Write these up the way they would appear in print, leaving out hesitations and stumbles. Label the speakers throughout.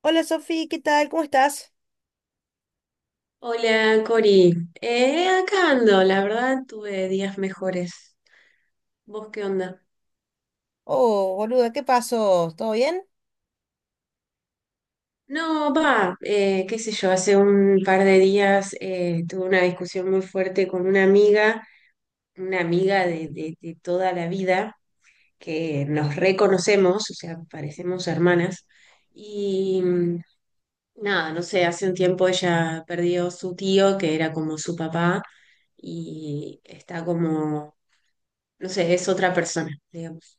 Speaker 1: Hola Sofi, ¿qué tal? ¿Cómo estás?
Speaker 2: Hola, Cori. Acá ando, la verdad tuve días mejores. ¿Vos qué onda?
Speaker 1: Oh, boluda, ¿qué pasó? ¿Todo bien?
Speaker 2: No, va, qué sé yo, hace un par de días tuve una discusión muy fuerte con una amiga de toda la vida, que nos reconocemos, o sea, parecemos hermanas. Y nada, no sé, hace un tiempo ella perdió su tío, que era como su papá, y está como, no sé, es otra persona, digamos.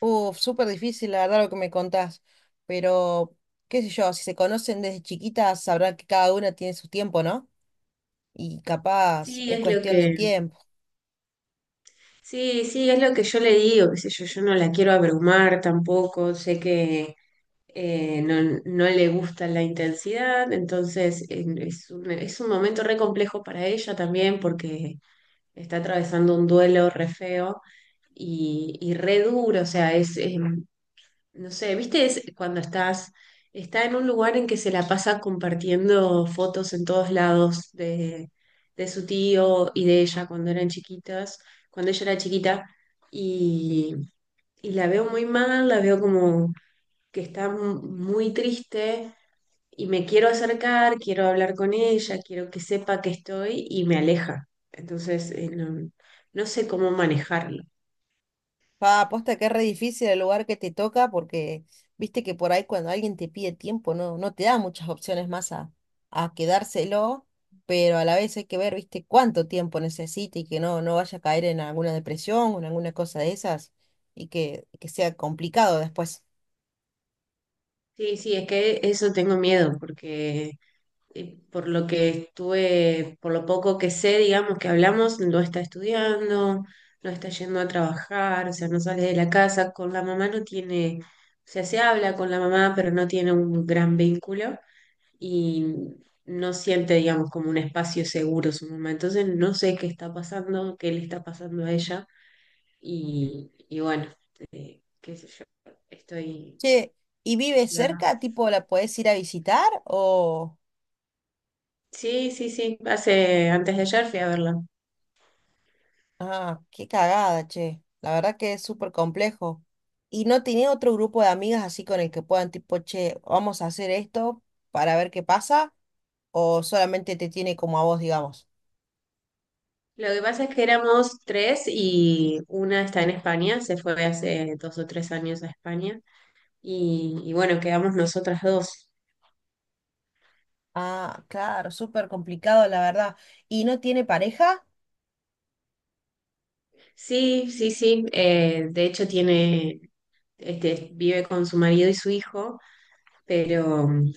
Speaker 1: Uf, súper difícil, la verdad, lo que me contás. Pero, qué sé yo, si se conocen desde chiquitas, sabrán que cada una tiene su tiempo, ¿no? Y capaz
Speaker 2: Sí,
Speaker 1: es
Speaker 2: es lo
Speaker 1: cuestión de tiempo.
Speaker 2: sí, sí, es lo que yo le digo, qué sé yo, yo no la quiero abrumar tampoco, sé que no, no le gusta la intensidad, entonces es es un momento re complejo para ella también porque está atravesando un duelo re feo y re duro, o sea, es no sé, ¿viste? Es cuando estás, está en un lugar en que se la pasa compartiendo fotos en todos lados de su tío y de ella cuando eran chiquitas, cuando ella era chiquita, y, y la veo muy mal, la veo como que está muy triste y me quiero acercar, quiero hablar con ella, quiero que sepa que estoy y me aleja. Entonces, no, no sé cómo manejarlo.
Speaker 1: Pa, aposta que es re difícil el lugar que te toca porque viste que por ahí cuando alguien te pide tiempo no te da muchas opciones más a quedárselo, pero a la vez hay que ver, viste, cuánto tiempo necesita y que no vaya a caer en alguna depresión o en alguna cosa de esas y que sea complicado después.
Speaker 2: Sí, sí, es que eso tengo miedo porque... y por lo que estuve, por lo poco que sé, digamos, que hablamos, no está estudiando, no está yendo a trabajar, o sea, no sale de la casa, con la mamá no tiene, o sea, se habla con la mamá, pero no tiene un gran vínculo y no siente, digamos, como un espacio seguro su mamá. Entonces, no sé qué está pasando, qué le está pasando a ella y bueno, qué sé yo, estoy...
Speaker 1: Che, ¿y vive
Speaker 2: estoy acá.
Speaker 1: cerca? ¿Tipo la podés ir a visitar o?
Speaker 2: Sí, sí, sí, hace, antes de ayer fui a verla.
Speaker 1: Ah, qué cagada, che. La verdad que es súper complejo. ¿Y no tenía otro grupo de amigas así con el que puedan, tipo, che, vamos a hacer esto para ver qué pasa? ¿O solamente te tiene como a vos, digamos?
Speaker 2: Lo que pasa es que éramos tres y una está en España, se fue hace dos o tres años a España y bueno, quedamos nosotras dos.
Speaker 1: Ah, claro, súper complicado, la verdad. ¿Y no tiene pareja?
Speaker 2: Sí, sí, sí, de hecho tiene, este, vive con su marido y su hijo, pero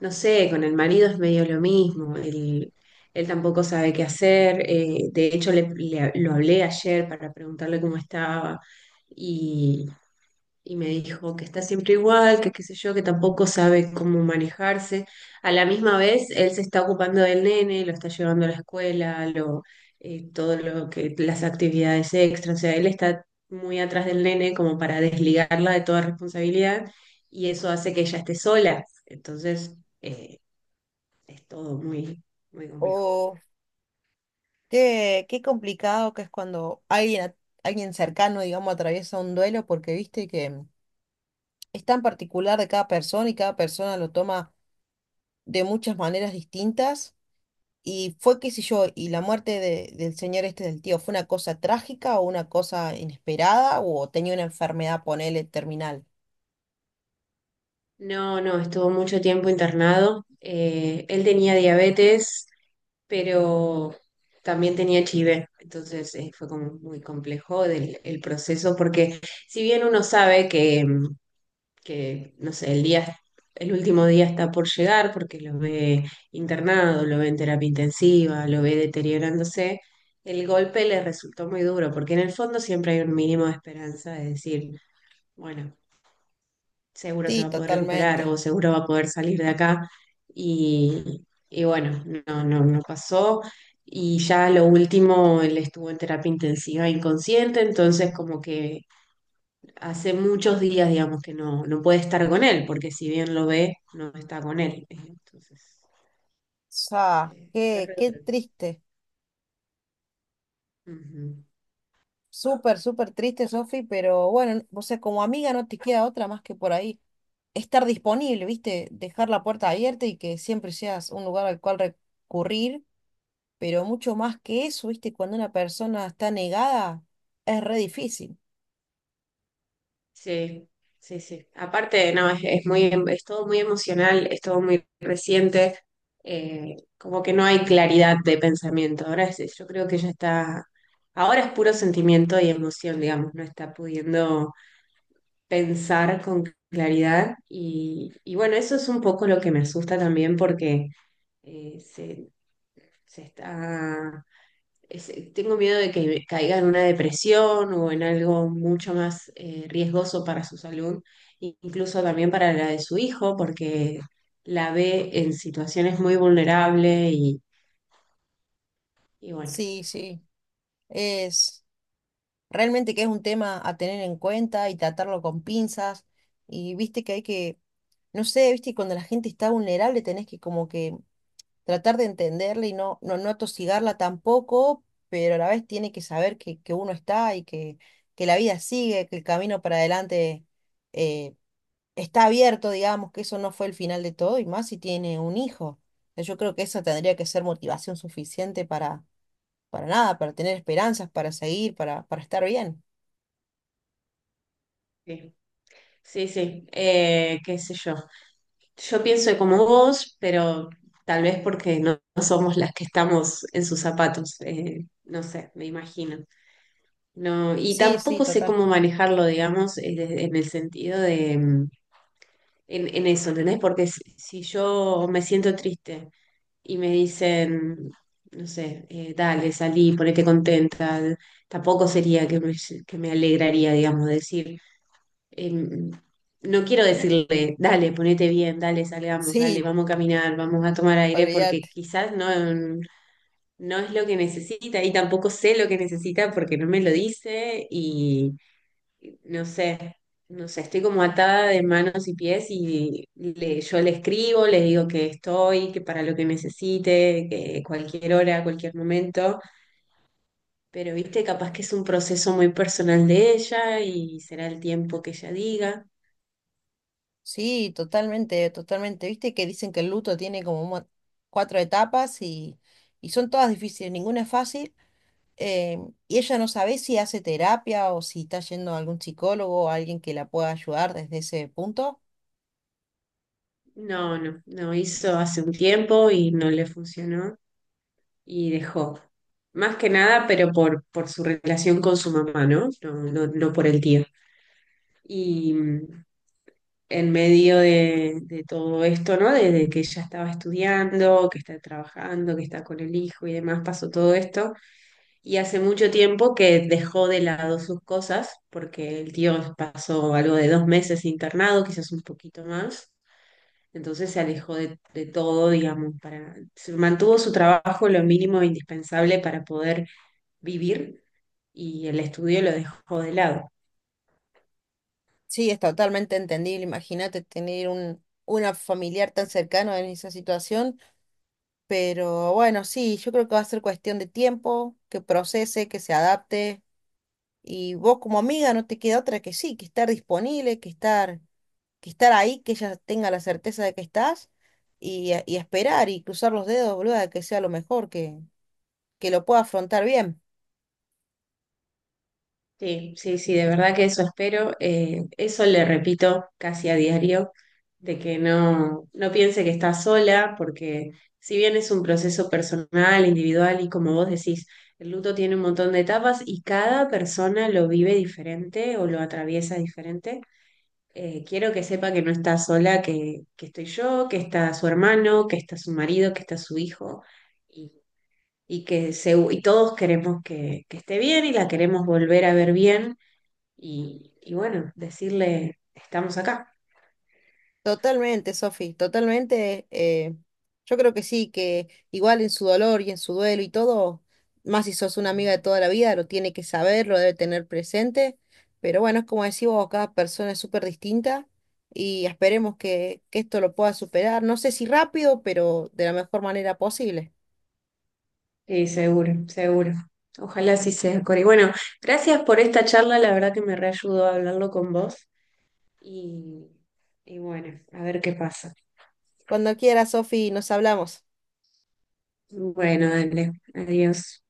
Speaker 2: no sé, con el marido es medio lo mismo, él tampoco sabe qué hacer, de hecho lo hablé ayer para preguntarle cómo estaba y me dijo que está siempre igual, que qué sé yo, que tampoco sabe cómo manejarse. A la misma vez, él se está ocupando del nene, lo está llevando a la escuela, todo lo que, las actividades extras, o sea, él está muy atrás del nene como para desligarla de toda responsabilidad y eso hace que ella esté sola. Entonces, eh, es todo muy complejo.
Speaker 1: ¿O qué, qué complicado que es cuando alguien, alguien cercano, digamos, atraviesa un duelo? Porque viste que, es tan particular de cada persona y cada persona lo toma de muchas maneras distintas. Y fue, qué sé yo, y la muerte del señor este del tío, ¿fue una cosa trágica o una cosa inesperada o tenía una enfermedad, ponele, terminal?
Speaker 2: No, no, estuvo mucho tiempo internado. Él tenía diabetes pero también tenía HIV, entonces fue como muy complejo el proceso, porque si bien uno sabe que, que, no sé, el día, el último día está por llegar, porque lo ve internado, lo ve en terapia intensiva, lo ve deteriorándose, el golpe le resultó muy duro, porque en el fondo siempre hay un mínimo de esperanza de decir, bueno, seguro se
Speaker 1: Sí,
Speaker 2: va a poder recuperar o
Speaker 1: totalmente.
Speaker 2: seguro va a poder salir de acá. Y bueno, no pasó. Y ya lo último, él estuvo en terapia intensiva inconsciente, entonces como que hace muchos días, digamos, que no, no puede estar con él, porque si bien lo ve, no está con él. Entonces,
Speaker 1: Sea,
Speaker 2: fue
Speaker 1: qué,
Speaker 2: re
Speaker 1: qué
Speaker 2: duro.
Speaker 1: triste.
Speaker 2: Ujú.
Speaker 1: Súper, súper triste, Sofi, pero bueno, o sea, como amiga no te queda otra más que por ahí estar disponible, ¿viste? Dejar la puerta abierta y que siempre seas un lugar al cual recurrir, pero mucho más que eso, ¿viste? Cuando una persona está negada, es re difícil.
Speaker 2: Sí, sí, sí. Aparte, no, es muy, es todo muy emocional, es todo muy reciente, como que no hay claridad de pensamiento. Yo creo que ya está, ahora es puro sentimiento y emoción, digamos, no está pudiendo pensar con claridad. Y bueno, eso es un poco lo que me asusta también porque eh, se, se está tengo miedo de que me caiga en una depresión o en algo mucho más riesgoso para su salud, incluso también para la de su hijo, porque la ve en situaciones muy vulnerables y bueno,
Speaker 1: Sí, sí, es… Realmente que es un tema a tener en cuenta y tratarlo con pinzas. Y viste que hay no sé, viste, cuando la gente está vulnerable tenés que como que tratar de entenderla y no atosigarla tampoco, pero a la vez tiene que saber que uno está y que la vida sigue, que el camino para adelante eh, está abierto, digamos, que eso no fue el final de todo, y más si tiene un hijo. Yo creo que eso tendría que ser motivación suficiente para nada, para tener esperanzas, para seguir, para estar bien.
Speaker 2: sí, sí, sí, qué sé yo. Yo pienso como vos, pero tal vez porque no, no somos las que estamos en sus zapatos, no sé, me imagino. No, y
Speaker 1: Sí, sí,
Speaker 2: tampoco sé
Speaker 1: total.
Speaker 2: cómo manejarlo, digamos, en el sentido de... en eso, ¿entendés? Porque si yo me siento triste y me dicen, no sé, dale, salí, ponete contenta, tampoco sería que que me alegraría, digamos, decir, eh, no quiero decirle, dale, ponete bien, dale, salgamos, dale,
Speaker 1: Sí,
Speaker 2: vamos a caminar, vamos a tomar aire, porque
Speaker 1: olvídate.
Speaker 2: quizás no, no es lo que necesita y tampoco sé lo que necesita porque no me lo dice y no sé, no sé, estoy como atada de manos y pies y yo le escribo, le digo que estoy, que para lo que necesite, que cualquier hora, cualquier momento, pero viste, capaz que es un proceso muy personal de ella y será el tiempo que ella diga.
Speaker 1: Sí, totalmente, totalmente. Viste que dicen que el luto tiene como un cuatro etapas y son todas difíciles, ninguna es fácil. eh, y ella no sabe si hace terapia o si está yendo a algún psicólogo o alguien que la pueda ayudar desde ese punto.
Speaker 2: No, no, no hizo hace un tiempo y no le funcionó y dejó. Más que nada, pero por su relación con su mamá, ¿no? No, no, no por el tío. Y, en medio de todo esto, ¿no? Desde que ella estaba estudiando, que está trabajando, que está con el hijo y demás, pasó todo esto. Y hace mucho tiempo que dejó de lado sus cosas, porque el tío pasó algo de dos meses internado, quizás un poquito más. Entonces se alejó de todo, digamos, para, se mantuvo su trabajo lo mínimo indispensable para poder vivir y el estudio lo dejó de lado.
Speaker 1: Sí, es totalmente entendible. Imagínate tener una familiar tan cercano en esa situación. Pero bueno, sí, yo creo que va a ser cuestión de tiempo, que procese, que se adapte. Y vos como amiga no te queda otra que sí, que estar disponible, que estar ahí, que ella tenga la certeza de que estás y esperar y cruzar los dedos, boluda, de que sea lo mejor, que lo pueda afrontar bien.
Speaker 2: Sí, sí, sí, de verdad que eso espero. Eso le repito casi a diario, de que no, no piense que está sola, porque si bien es un proceso personal, individual, y como vos decís, el luto tiene un montón de etapas y cada persona lo vive diferente o lo atraviesa diferente. Quiero que sepa que no está sola, que estoy yo, que está su hermano, que está su marido, que está su hijo, y, y que se, y todos queremos que esté bien y la queremos volver a ver bien y bueno, decirle, estamos acá.
Speaker 1: Totalmente, Sofi, totalmente. Yo creo que sí, que igual en su dolor y en su duelo y todo, más si sos una amiga de toda la vida, lo tiene que saber, lo debe tener presente. Pero bueno, es como decís vos, cada persona es súper distinta y esperemos que esto lo pueda superar. No sé si rápido, pero de la mejor manera posible.
Speaker 2: Sí, seguro, seguro. Ojalá así sea, Cori. Bueno, gracias por esta charla, la verdad que me reayudó a hablarlo con vos y, y bueno, a ver qué pasa.
Speaker 1: Cuando quiera, Sofi, nos hablamos.
Speaker 2: Bueno, dale, adiós.